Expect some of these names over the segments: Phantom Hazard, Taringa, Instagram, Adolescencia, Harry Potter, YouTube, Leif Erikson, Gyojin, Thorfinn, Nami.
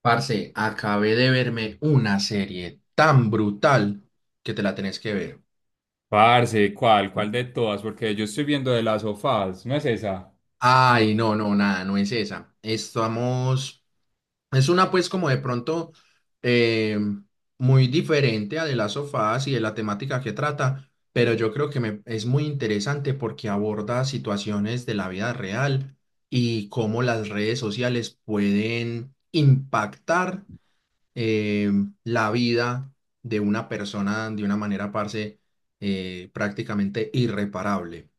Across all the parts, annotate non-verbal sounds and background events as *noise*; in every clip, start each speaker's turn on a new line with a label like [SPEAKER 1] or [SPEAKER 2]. [SPEAKER 1] Parce, acabé de verme una serie tan brutal que te la tenés que ver.
[SPEAKER 2] Parce, ¿cuál? ¿Cuál de todas? Porque yo estoy viendo de las sofás, ¿no es esa?
[SPEAKER 1] Ay, no, no, nada, no es esa. Es una pues como de pronto eh, muy diferente a de las sofás y de la temática que trata, pero yo creo es muy interesante porque aborda situaciones de la vida real y cómo las redes sociales pueden impactar eh, la vida de una persona de una manera, parce, prácticamente irreparable.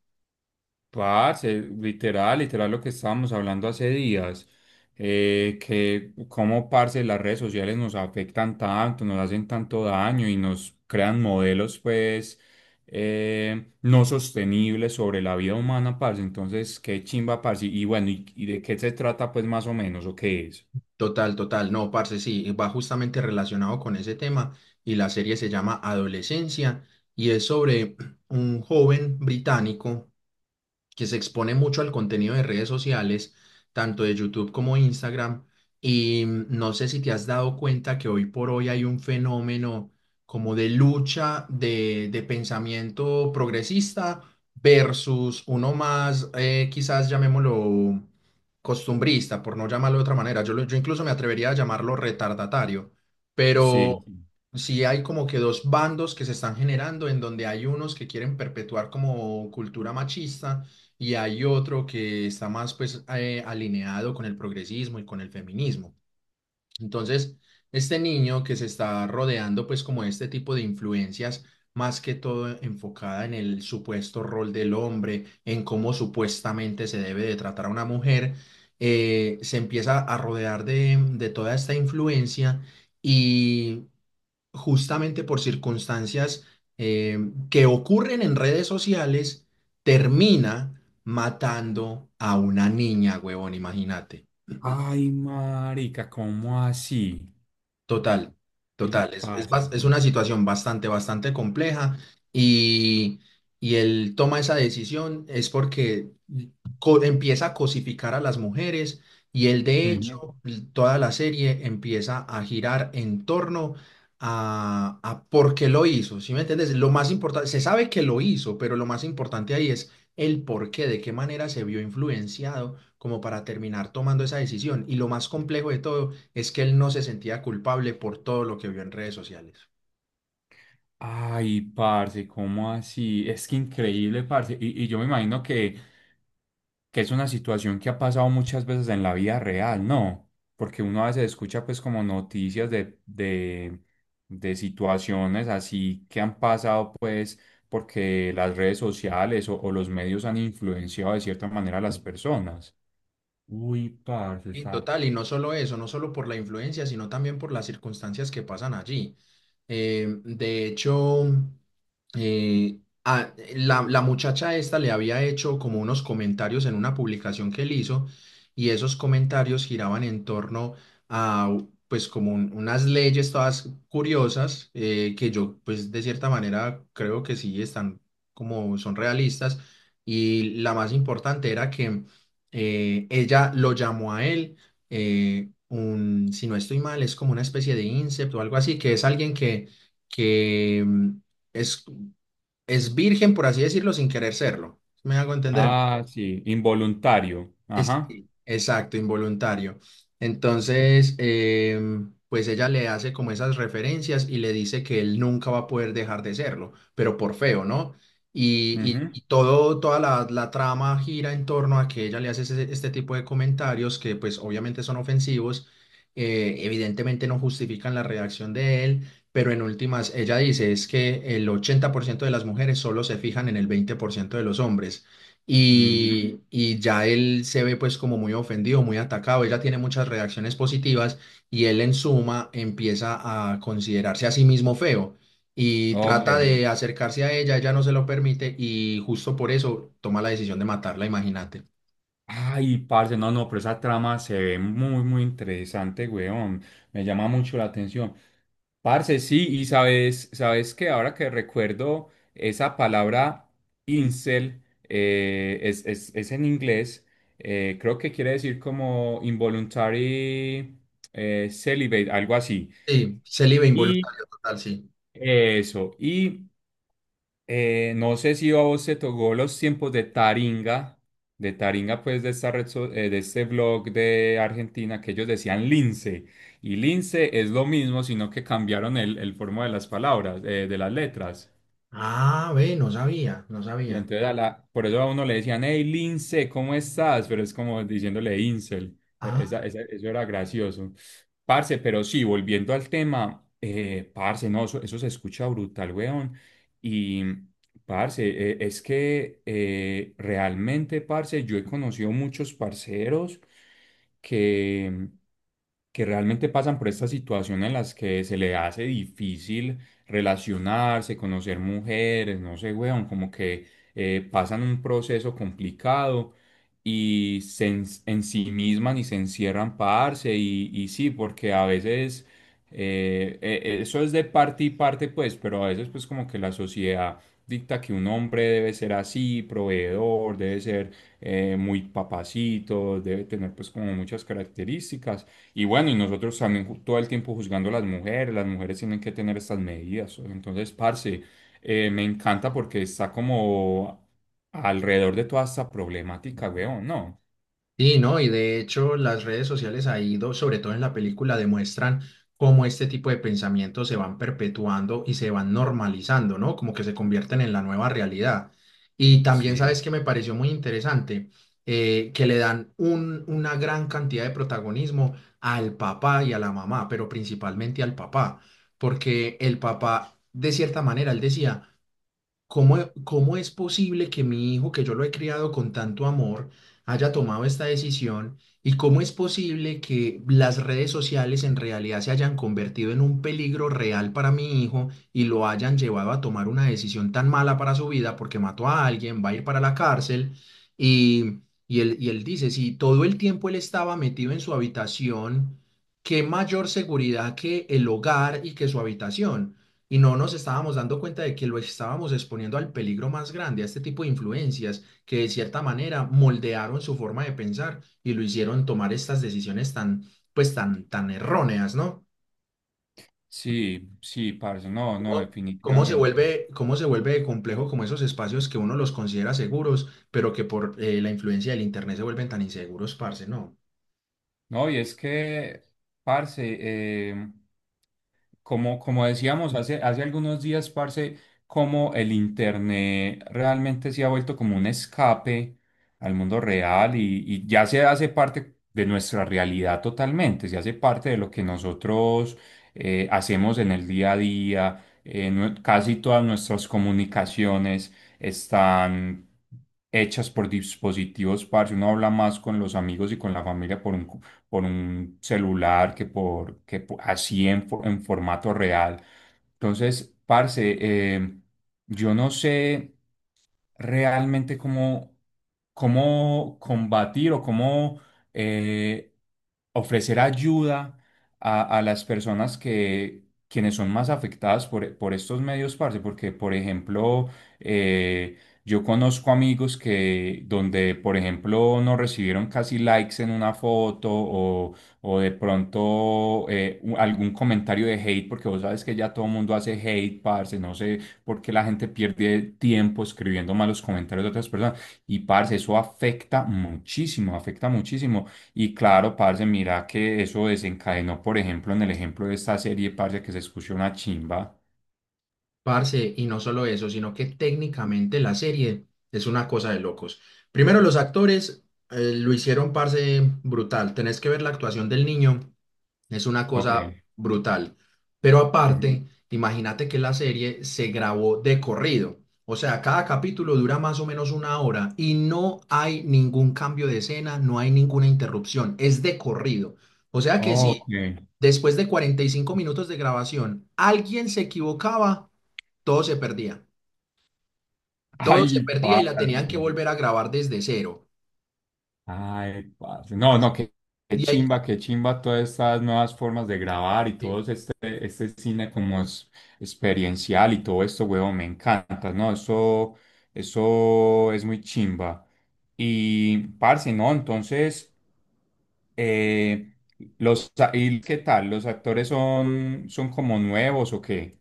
[SPEAKER 2] Parce, literal lo que estábamos hablando hace días, que cómo, parce, las redes sociales nos afectan tanto, nos hacen tanto daño y nos crean modelos, pues, no sostenibles sobre la vida humana, parce. Entonces, qué chimba, parce. Y bueno, ¿y de qué se trata, pues, más o menos, o qué es?
[SPEAKER 1] Total, total. No, parce, sí, va justamente relacionado con ese tema y la serie se llama Adolescencia y es sobre *clears throat* un joven británico que se expone mucho al contenido de redes sociales, tanto de YouTube como Instagram. Y no sé si te has dado cuenta que hoy por hoy hay un fenómeno como de lucha de pensamiento progresista versus uno más, quizás llamémoslo costumbrista, por no llamarlo de otra manera. Yo incluso me atrevería a llamarlo retardatario,
[SPEAKER 2] Sí.
[SPEAKER 1] pero sí hay como que dos bandos que se están generando en donde hay unos que quieren perpetuar como cultura machista y hay otro que está más pues alineado con el progresismo y con el feminismo. Entonces, este niño que se está rodeando pues como este tipo de influencias, más que todo enfocada en el supuesto rol del hombre, en cómo supuestamente se debe de tratar a una mujer, se empieza a rodear de toda esta influencia y justamente por circunstancias eh, que ocurren en redes sociales, termina matando a una niña, huevón, imagínate.
[SPEAKER 2] Ay, marica, ¿cómo así?
[SPEAKER 1] Total,
[SPEAKER 2] Y
[SPEAKER 1] total. Es, es,
[SPEAKER 2] parce.
[SPEAKER 1] bas- es una situación bastante, bastante compleja y, y él toma esa decisión es porque empieza a cosificar a las mujeres y él de
[SPEAKER 2] Ujú.
[SPEAKER 1] hecho toda la serie empieza a girar en torno a por qué lo hizo. ¿Sí me entiendes? Lo más importante, se sabe que lo hizo, pero lo más importante ahí es el por qué, de qué manera se vio influenciado como para terminar tomando esa decisión. Y lo más complejo de todo es que él no se sentía culpable por todo lo que vio en redes sociales.
[SPEAKER 2] Ay, parce, ¿cómo así? Es que increíble, parce. Y yo me imagino que es una situación que ha pasado muchas veces en la vida real, ¿no? Porque uno a veces escucha pues como noticias de situaciones así que han pasado pues porque las redes sociales o los medios han influenciado de cierta manera a las personas. Uy, parce,
[SPEAKER 1] Sí,
[SPEAKER 2] esa.
[SPEAKER 1] total, y no solo eso, no solo por la influencia, sino también por las circunstancias que pasan allí. De hecho, la muchacha esta le había hecho como unos comentarios en una publicación que él hizo, y esos comentarios giraban en torno a, pues, como unas leyes todas curiosas, que yo, pues, de cierta manera creo que sí están como son realistas, y la más importante era que ella lo llamó a él, si no estoy mal, es como una especie de incept o algo así, que es alguien que, que mm, es, es virgen, por así decirlo, sin querer serlo. ¿Sí? ¿Me hago entender?
[SPEAKER 2] Ah, sí, involuntario. Ajá.
[SPEAKER 1] Sí, exacto, involuntario.
[SPEAKER 2] Sí.
[SPEAKER 1] Entonces, pues ella le hace como esas referencias y le dice que él nunca va a poder dejar de serlo, pero por feo, ¿no? Y, y-
[SPEAKER 2] Ujú,
[SPEAKER 1] y todo, toda la, la trama gira en torno a que ella le hace este tipo de comentarios que pues obviamente son ofensivos, evidentemente no justifican la reacción de él, pero en últimas ella dice es que el 80% de las mujeres solo se fijan en el 20% de los hombres
[SPEAKER 2] ujú.
[SPEAKER 1] y ya él se ve pues como muy ofendido, muy atacado, ella tiene muchas reacciones positivas y él en suma empieza a considerarse a sí mismo feo y
[SPEAKER 2] Ok.
[SPEAKER 1] trata de acercarse a ella, ella no se lo permite y justo por eso toma la decisión de matarla, imagínate.
[SPEAKER 2] Ay, parce, no, no, pero esa trama se ve muy interesante, weón. Me llama mucho la atención. Parce, sí, y sabes que ahora que recuerdo esa palabra incel, es en inglés, creo que quiere decir como involuntary celibate, algo así.
[SPEAKER 1] Sí, célibe
[SPEAKER 2] Y
[SPEAKER 1] involuntario total, sí.
[SPEAKER 2] eso, y no sé si a vos te tocó los tiempos de Taringa, pues de esta red, de este blog de Argentina, que ellos decían lince. Y lince es lo mismo, sino que cambiaron el forma de las palabras, de las letras.
[SPEAKER 1] Ah, ve, no sabía, no
[SPEAKER 2] Y
[SPEAKER 1] sabía.
[SPEAKER 2] entonces a la, por eso a uno le decían, hey Lince, ¿cómo estás? Pero es como diciéndole Incel.
[SPEAKER 1] ah
[SPEAKER 2] Eso era gracioso. Parce, pero sí, volviendo al tema, parce, no, eso se escucha brutal, weón. Y, parce, es que realmente, parce, yo he conocido muchos parceros que que realmente pasan por esta situación en las que se le hace difícil relacionarse, conocer mujeres, no sé, weón, como que pasan un proceso complicado y en sí mismas y se encierran para darse y sí, porque a veces eso es de parte y parte, pues, pero a veces pues como que la sociedad dicta que un hombre debe ser así, proveedor, debe ser muy papacito, debe tener pues como muchas características. Y bueno, y nosotros también todo el tiempo juzgando a las mujeres tienen que tener estas medidas. Entonces, parce, me encanta porque está como alrededor de toda esta problemática, weón, ¿no?
[SPEAKER 1] Sí, ¿no? Y de hecho las redes sociales ha ido, sobre todo en la película, demuestran cómo este tipo de pensamientos se van perpetuando y se van normalizando, ¿no? Como que se convierten en la nueva realidad. Y también,
[SPEAKER 2] Sí.
[SPEAKER 1] ¿sabes que me pareció muy interesante? Que le dan una gran cantidad de protagonismo al papá y a la mamá, pero principalmente al papá, porque el papá, de cierta manera, él decía... ¿Cómo es posible que mi hijo, que yo lo he criado con tanto amor, haya tomado esta decisión? ¿Y cómo es posible que las redes sociales en realidad se hayan convertido en un peligro real para mi hijo y lo hayan llevado a tomar una decisión tan mala para su vida porque mató a alguien, va a ir para la cárcel? Y, y él dice, si todo el tiempo él estaba metido en su habitación, ¿qué mayor seguridad que el hogar y que su habitación? Y no nos estábamos dando cuenta de que lo estábamos exponiendo al peligro más grande, a este tipo de influencias que de cierta manera moldearon su forma de pensar y lo hicieron tomar estas decisiones tan, pues tan, tan erróneas, ¿no?
[SPEAKER 2] Sí, sí, parce, no, no,
[SPEAKER 1] ¿Cómo, cómo se
[SPEAKER 2] definitivamente.
[SPEAKER 1] vuelve, cómo se vuelve de complejo como esos espacios que uno los considera seguros, pero que por la influencia del internet se vuelven tan inseguros, parce, ¿no?
[SPEAKER 2] No, y es que, parce, eh, como, hace algunos días, parce, como el Internet realmente se ha vuelto como un escape al mundo real y ya se hace parte de nuestra realidad totalmente, se hace parte de lo que nosotros hacemos en el día a día, casi todas nuestras comunicaciones están hechas por dispositivos, parce, uno habla más con los amigos y con la familia por un celular que por que po- así en, fo- en formato real. Entonces, parce, yo no sé realmente cómo combatir o cómo eh, ofrecer ayuda a, quienes son más afectadas por estos medios, parce, porque, por ejemplo, eh, yo conozco amigos que donde, por ejemplo, no recibieron casi likes en una foto o de pronto algún comentario de hate, porque vos sabes que ya todo el mundo hace hate, parce, no sé porque la gente pierde tiempo escribiendo malos comentarios de otras personas. Y parce, eso afecta muchísimo, afecta muchísimo. Y claro, parce, mira que eso desencadenó, por ejemplo, en el ejemplo de esta serie, parce, que se escuchó una chimba.
[SPEAKER 1] Parce, y no solo eso, sino que técnicamente la serie es una cosa de locos. Primero, los actores lo hicieron, parce, brutal. Tenés que ver la actuación del niño, es una
[SPEAKER 2] Ok.
[SPEAKER 1] cosa brutal. Pero
[SPEAKER 2] Ujú.
[SPEAKER 1] aparte, imagínate que la serie se grabó de corrido. O sea, cada capítulo dura más o menos una hora y no hay ningún cambio de escena, no hay ninguna interrupción, es de corrido. O sea que si
[SPEAKER 2] Ok.
[SPEAKER 1] después de 45 minutos de grabación alguien se equivocaba, todo se perdía. Todo se
[SPEAKER 2] Ay,
[SPEAKER 1] perdía y la
[SPEAKER 2] parce.
[SPEAKER 1] tenían que volver a grabar desde cero.
[SPEAKER 2] Ay, parce. No,
[SPEAKER 1] Parce,
[SPEAKER 2] no, qué,
[SPEAKER 1] y ahí,
[SPEAKER 2] qué chimba todas estas nuevas formas de grabar y todo
[SPEAKER 1] sí.
[SPEAKER 2] este, este cine como es experiencial y todo esto, huevón, me encanta, ¿no? Eso es muy chimba. Y, parce, ¿no? Entonces, eh, los, ¿y qué tal? Son como nuevos o qué?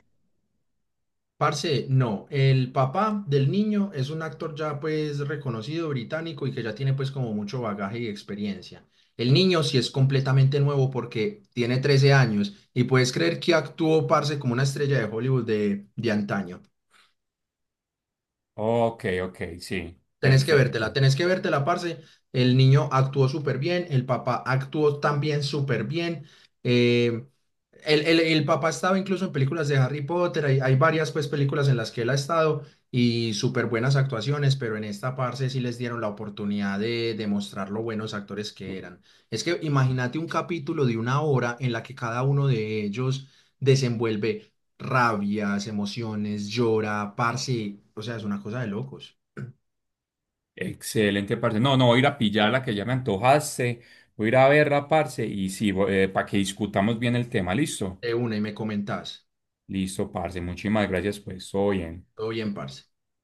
[SPEAKER 1] Parce, no, el papá del niño es un actor ya pues reconocido británico y que ya tiene pues como mucho bagaje y experiencia. El niño sí es completamente nuevo porque tiene 13 años y puedes creer que actuó, parce, como una estrella de Hollywood de antaño.
[SPEAKER 2] Ok, ok, sí, perfecto.
[SPEAKER 1] Tenés que vértela, parce. El niño actuó súper bien, el papá actuó también súper bien. eh, el papá estaba incluso en películas de Harry Potter, hay varias pues películas en las que él ha estado y súper buenas actuaciones, pero en esta parce sí les dieron la oportunidad de demostrar lo buenos actores que eran. Es que imagínate un capítulo de una hora en la que cada uno de ellos desenvuelve rabias, emociones, llora, parce, o sea, es una cosa de locos.
[SPEAKER 2] Excelente, parce. No, no, voy a ir a pillarla que ya me antojaste. Voy a ir a verla, parce. Y sí, para que discutamos bien el tema. ¿Listo?
[SPEAKER 1] De una y me comentás.
[SPEAKER 2] Listo, parce. Muchísimas gracias, pues. Todo bien.
[SPEAKER 1] Todo bien, parce.